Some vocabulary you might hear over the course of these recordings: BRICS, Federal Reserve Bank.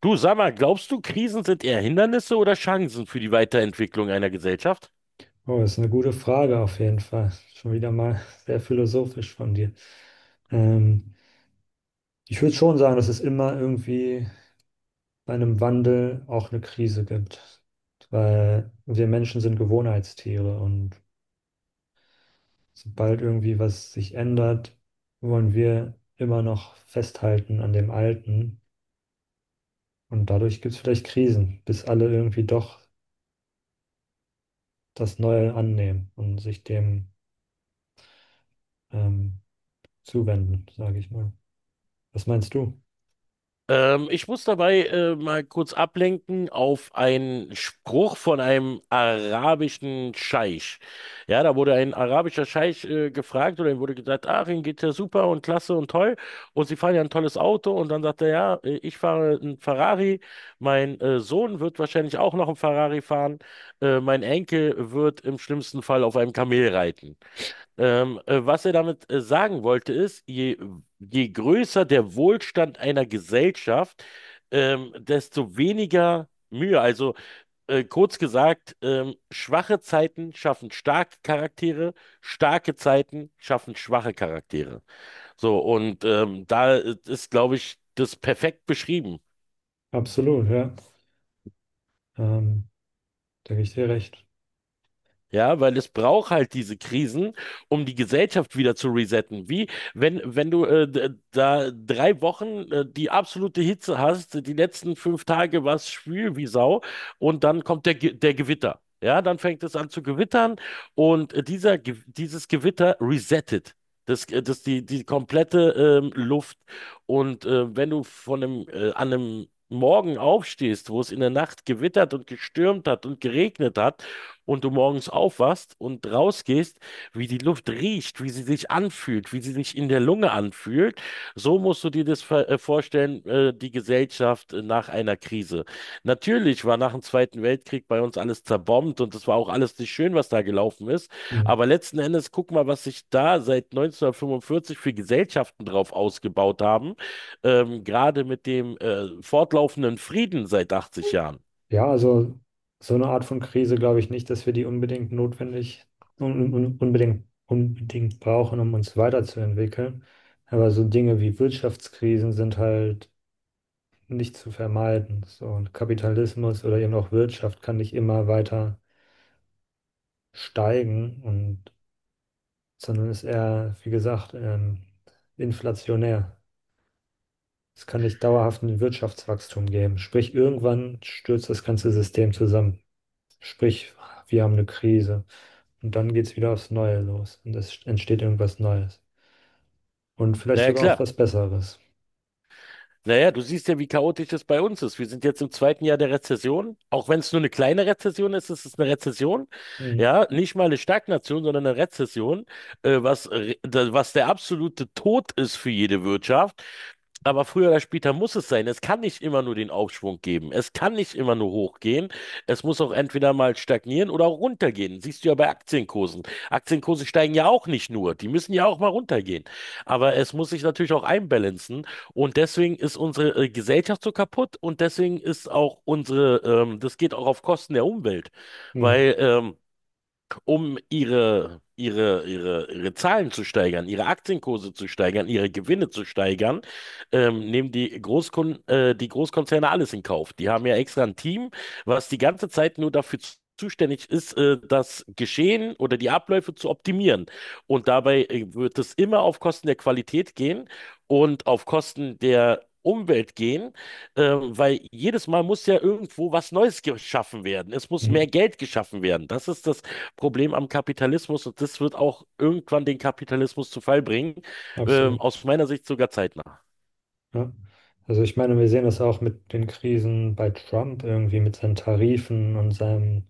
Du, sag mal, glaubst du, Krisen sind eher Hindernisse oder Chancen für die Weiterentwicklung einer Gesellschaft? Oh, das ist eine gute Frage auf jeden Fall. Schon wieder mal sehr philosophisch von dir. Ähm, Ich würde schon sagen, dass es immer irgendwie bei einem Wandel auch eine Krise gibt, weil wir Menschen sind Gewohnheitstiere und sobald irgendwie was sich ändert, wollen wir immer noch festhalten an dem Alten und dadurch gibt es vielleicht Krisen, bis alle irgendwie doch das Neue annehmen und sich dem ähm, zuwenden, sage ich mal. Was meinst du? Ich muss dabei mal kurz ablenken auf einen Spruch von einem arabischen Scheich. Ja, da wurde ein arabischer Scheich gefragt oder ihm wurde gesagt, ach, Ihnen geht ja super und klasse und toll und Sie fahren ja ein tolles Auto, und dann sagt er, ja, ich fahre einen Ferrari, mein Sohn wird wahrscheinlich auch noch einen Ferrari fahren, mein Enkel wird im schlimmsten Fall auf einem Kamel reiten. Was er damit sagen wollte, ist, je größer der Wohlstand einer Gesellschaft, desto weniger Mühe. Also kurz gesagt, schwache Zeiten schaffen starke Charaktere, starke Zeiten schaffen schwache Charaktere. So, und da ist, glaube ich, das perfekt beschrieben. Absolut, ja. Ähm, Da gebe ich dir recht. Ja, weil es braucht halt diese Krisen, um die Gesellschaft wieder zu resetten. Wie wenn du da 3 Wochen die absolute Hitze hast, die letzten 5 Tage war es schwül wie Sau und dann kommt der Gewitter. Ja, dann fängt es an zu gewittern und dieses Gewitter resettet. Das die komplette Luft. Und wenn du an einem Morgen aufstehst, wo es in der Nacht gewittert und gestürmt hat und geregnet hat, und du morgens aufwachst und rausgehst, wie die Luft riecht, wie sie sich anfühlt, wie sie sich in der Lunge anfühlt, so musst du dir das vorstellen, die Gesellschaft nach einer Krise. Natürlich war nach dem Zweiten Weltkrieg bei uns alles zerbombt und es war auch alles nicht schön, was da gelaufen ist, Hm. aber letzten Endes guck mal, was sich da seit 1945 für Gesellschaften drauf ausgebaut haben, gerade mit dem fortlaufenden Frieden seit 80 Jahren. Ja, also so eine Art von Krise glaube ich nicht, dass wir die unbedingt notwendig, unbedingt brauchen, um uns weiterzuentwickeln. Aber so Dinge wie Wirtschaftskrisen sind halt nicht zu vermeiden. So, und Kapitalismus oder eben auch Wirtschaft kann nicht immer weiter steigen und sondern ist eher, wie gesagt, inflationär. Es kann nicht dauerhaft ein Wirtschaftswachstum geben. Sprich, irgendwann stürzt das ganze System zusammen. Sprich, wir haben eine Krise. Und dann geht es wieder aufs Neue los. Und es entsteht irgendwas Neues. Und Na vielleicht ja, sogar auch klar. was Besseres. Naja, du siehst ja, wie chaotisch es bei uns ist. Wir sind jetzt im zweiten Jahr der Rezession. Auch wenn es nur eine kleine Rezession ist, ist es eine Rezession. Mhm. Ja, nicht mal eine Stagnation, sondern eine Rezession, was der absolute Tod ist für jede Wirtschaft. Aber früher oder später muss es sein. Es kann nicht immer nur den Aufschwung geben. Es kann nicht immer nur hochgehen. Es muss auch entweder mal stagnieren oder auch runtergehen. Siehst du ja bei Aktienkursen. Aktienkurse steigen ja auch nicht nur. Die müssen ja auch mal runtergehen. Aber es muss sich natürlich auch einbalancen. Und deswegen ist unsere Gesellschaft so kaputt, und deswegen ist auch das geht auch auf Kosten der Umwelt, Mhm. weil um ihre Zahlen zu steigern, ihre Aktienkurse zu steigern, ihre Gewinne zu steigern, nehmen die Großkonzerne alles in Kauf. Die haben ja extra ein Team, was die ganze Zeit nur dafür zuständig ist, das Geschehen oder die Abläufe zu optimieren. Und dabei wird es immer auf Kosten der Qualität gehen und auf Kosten der Umwelt gehen, weil jedes Mal muss ja irgendwo was Neues geschaffen werden. Es muss mehr Mhm. Geld geschaffen werden. Das ist das Problem am Kapitalismus, und das wird auch irgendwann den Kapitalismus zu Fall bringen. Ähm, Absolut. aus meiner Sicht sogar zeitnah. Ja. Also ich meine, wir sehen das auch mit den Krisen bei Trump irgendwie, mit seinen Tarifen und seinem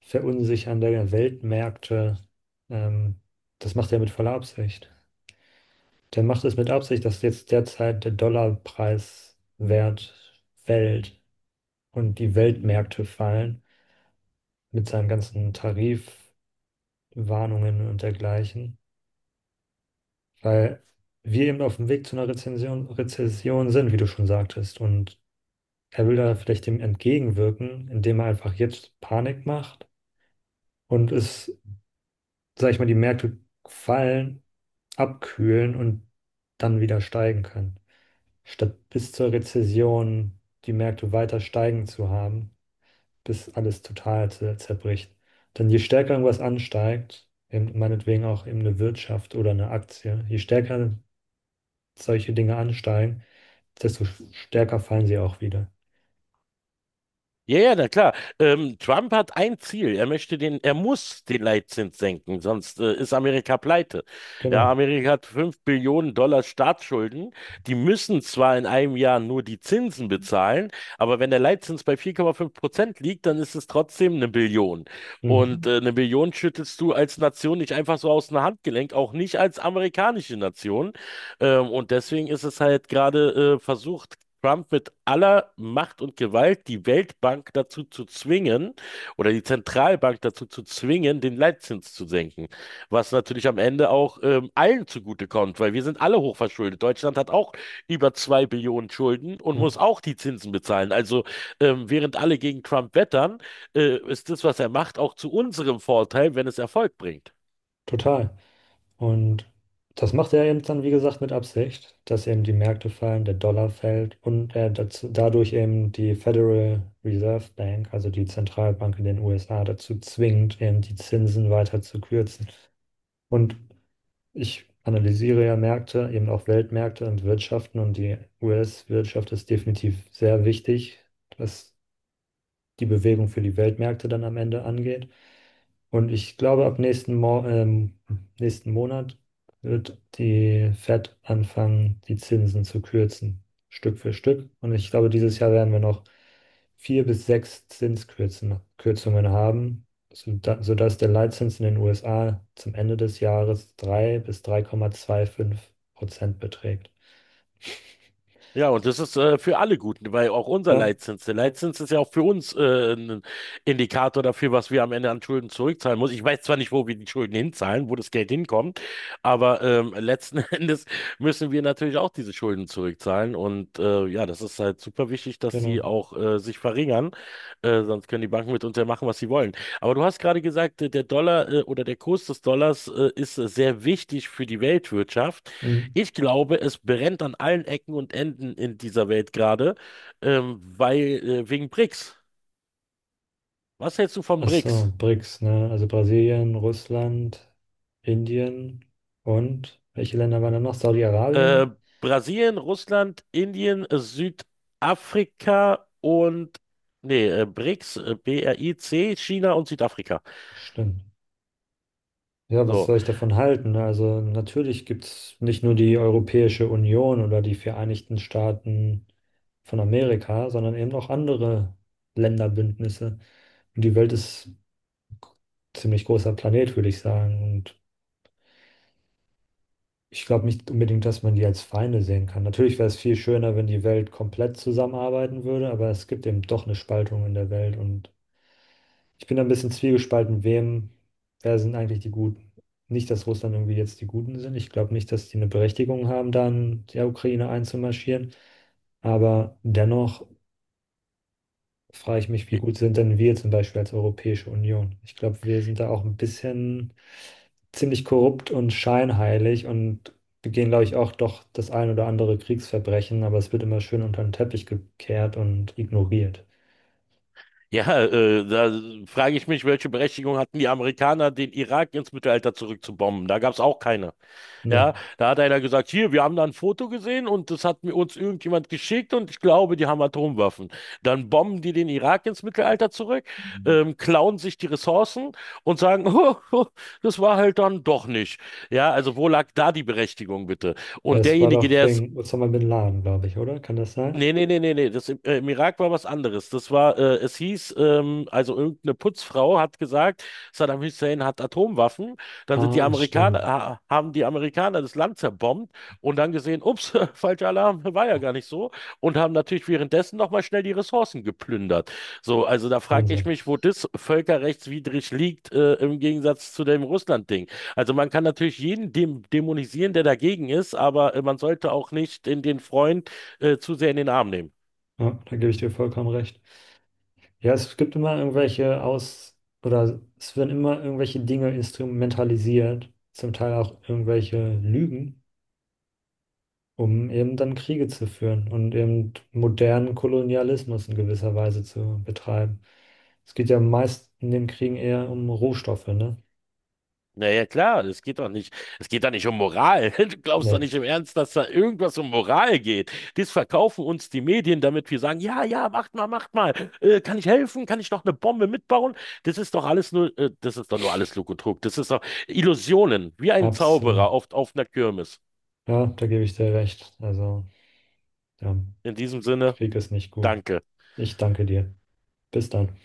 Verunsichern der Weltmärkte. Ähm, Das macht er mit voller Absicht. Der macht es mit Absicht, dass jetzt derzeit der Dollarpreiswert fällt und die Weltmärkte fallen mit seinen ganzen Tarifwarnungen und dergleichen, weil wir eben auf dem Weg zu einer Rezession sind, wie du schon sagtest. Und er will da vielleicht dem entgegenwirken, indem er einfach jetzt Panik macht und es, sag ich mal, die Märkte fallen, abkühlen und dann wieder steigen können, statt bis zur Rezession die Märkte weiter steigen zu haben, bis alles total zerbricht. Denn je stärker irgendwas ansteigt, eben meinetwegen auch eben eine Wirtschaft oder eine Aktie, je stärker solche Dinge ansteigen, desto stärker fallen sie auch wieder. Ja, ja, na klar. Trump hat ein Ziel. Er muss den Leitzins senken, sonst ist Amerika pleite. Ja, Genau. Amerika hat 5 Billionen Dollar Staatsschulden. Die müssen zwar in einem Jahr nur die Zinsen bezahlen, aber wenn der Leitzins bei 4,5% liegt, dann ist es trotzdem eine Billion. Und Mhm. äh, eine Billion schüttelst du als Nation nicht einfach so aus dem Handgelenk, auch nicht als amerikanische Nation. Und deswegen ist es halt gerade versucht, Trump mit aller Macht und Gewalt die Weltbank dazu zu zwingen oder die Zentralbank dazu zu zwingen, den Leitzins zu senken. Was natürlich am Ende auch allen zugutekommt, weil wir sind alle hochverschuldet. Deutschland hat auch über 2 Billionen Schulden und Ja, muss auch die Zinsen bezahlen. Also während alle gegen Trump wettern, ist das, was er macht, auch zu unserem Vorteil, wenn es Erfolg bringt. total. Und das macht er eben dann, wie gesagt, mit Absicht, dass eben die Märkte fallen, der Dollar fällt und er dazu, dadurch eben die Federal Reserve Bank, also die Zentralbank in den USA, dazu zwingt, eben die Zinsen weiter zu kürzen. Und ich analysiere ja Märkte, eben auch Weltmärkte und Wirtschaften, und die US-Wirtschaft ist definitiv sehr wichtig, was die Bewegung für die Weltmärkte dann am Ende angeht. Und ich glaube, ab nächsten Monat wird die Fed anfangen, die Zinsen zu kürzen, Stück für Stück. Und ich glaube, dieses Jahr werden wir noch vier bis sechs Kürzungen haben, sodass der Leitzins in den USA zum Ende des Jahres 3 bis 3,25% beträgt. Ja, und das ist für alle gut, weil auch unser Ja, Leitzins, der Leitzins ist ja auch für uns ein Indikator dafür, was wir am Ende an Schulden zurückzahlen müssen. Ich weiß zwar nicht, wo wir die Schulden hinzahlen, wo das Geld hinkommt, aber letzten Endes müssen wir natürlich auch diese Schulden zurückzahlen. Und ja, das ist halt super wichtig, dass die genau. auch sich verringern, sonst können die Banken mit uns ja machen, was sie wollen. Aber du hast gerade gesagt, der Dollar oder der Kurs des Dollars ist sehr wichtig für die Weltwirtschaft. Mhm. Ich glaube, es brennt an allen Ecken und Enden in dieser Welt gerade, weil wegen BRICS. Was hältst du von Ach so, BRICS? BRICS, ne? Also Brasilien, Russland, Indien und welche Länder waren da noch? Äh, Saudi-Arabien? Brasilien, Russland, Indien, Südafrika und nee, BRICS, BRIC, China und Südafrika. Stimmt. Ja, was So. soll ich davon halten, ne? Also natürlich gibt es nicht nur die Europäische Union oder die Vereinigten Staaten von Amerika, sondern eben auch andere Länderbündnisse. Und die Welt ist ein ziemlich großer Planet, würde ich sagen. Und ich glaube nicht unbedingt, dass man die als Feinde sehen kann. Natürlich wäre es viel schöner, wenn die Welt komplett zusammenarbeiten würde, aber es gibt eben doch eine Spaltung in der Welt und ich bin da ein bisschen zwiegespalten, wer sind eigentlich die Guten? Nicht, dass Russland irgendwie jetzt die Guten sind. Ich glaube nicht, dass die eine Berechtigung haben, da in die Ukraine einzumarschieren. Aber dennoch frage ich mich, wie gut sind denn wir zum Beispiel als Europäische Union? Ich glaube, wir sind da auch ein bisschen ziemlich korrupt und scheinheilig und begehen, glaube ich, auch doch das ein oder andere Kriegsverbrechen, aber es wird immer schön unter den Teppich gekehrt und ignoriert. Ja, da frage ich mich, welche Berechtigung hatten die Amerikaner, den Irak ins Mittelalter zurückzubomben? Da gab es auch keine. Ne. Ja, da hat einer gesagt, hier, wir haben da ein Foto gesehen und das hat mir uns irgendjemand geschickt und ich glaube, die haben Atomwaffen. Dann bomben die den Irak ins Mittelalter zurück, klauen sich die Ressourcen und sagen, oh, oh, das war halt dann doch nicht. Ja, also wo lag da die Berechtigung bitte? Ja, Und es war derjenige, doch der es — wegen Osama bin Laden, glaube ich, oder? Kann das sein? nee, nee, nee, nee, nee. Das im Irak war was anderes. Es hieß, also irgendeine Putzfrau hat gesagt, Saddam Hussein hat Atomwaffen. Dann sind die Ah, Amerikaner, stimmt. ha, haben die Amerikaner das Land zerbombt und dann gesehen, ups, falscher Alarm, war ja gar nicht so. Und haben natürlich währenddessen nochmal schnell die Ressourcen geplündert. So, also da frage ich Wahnsinn. mich, wo das völkerrechtswidrig liegt, im Gegensatz zu dem Russland-Ding. Also man kann natürlich jeden dem dämonisieren, der dagegen ist, aber man sollte auch nicht in den Freund zu sehr in den Arm nehmen. Ja, da gebe ich dir vollkommen recht. Ja, es gibt immer irgendwelche Aus- oder es werden immer irgendwelche Dinge instrumentalisiert, zum Teil auch irgendwelche Lügen, um eben dann Kriege zu führen und eben modernen Kolonialismus in gewisser Weise zu betreiben. Es geht ja meist in den Kriegen eher um Rohstoffe, ne? Naja, klar, es geht doch nicht um Moral. Du glaubst doch Nee, nicht im Ernst, dass da irgendwas um Moral geht. Das verkaufen uns die Medien, damit wir sagen, ja, ja, macht mal, macht mal. Kann ich helfen? Kann ich noch eine Bombe mitbauen? Das ist doch nur alles Lug und Trug. Das ist doch Illusionen, wie ein absolut. Zauberer oft auf einer Kirmes. Ja, da gebe ich dir recht. Also, ja, In diesem Sinne, Krieg ist nicht gut. danke. Ich danke dir. Bis dann.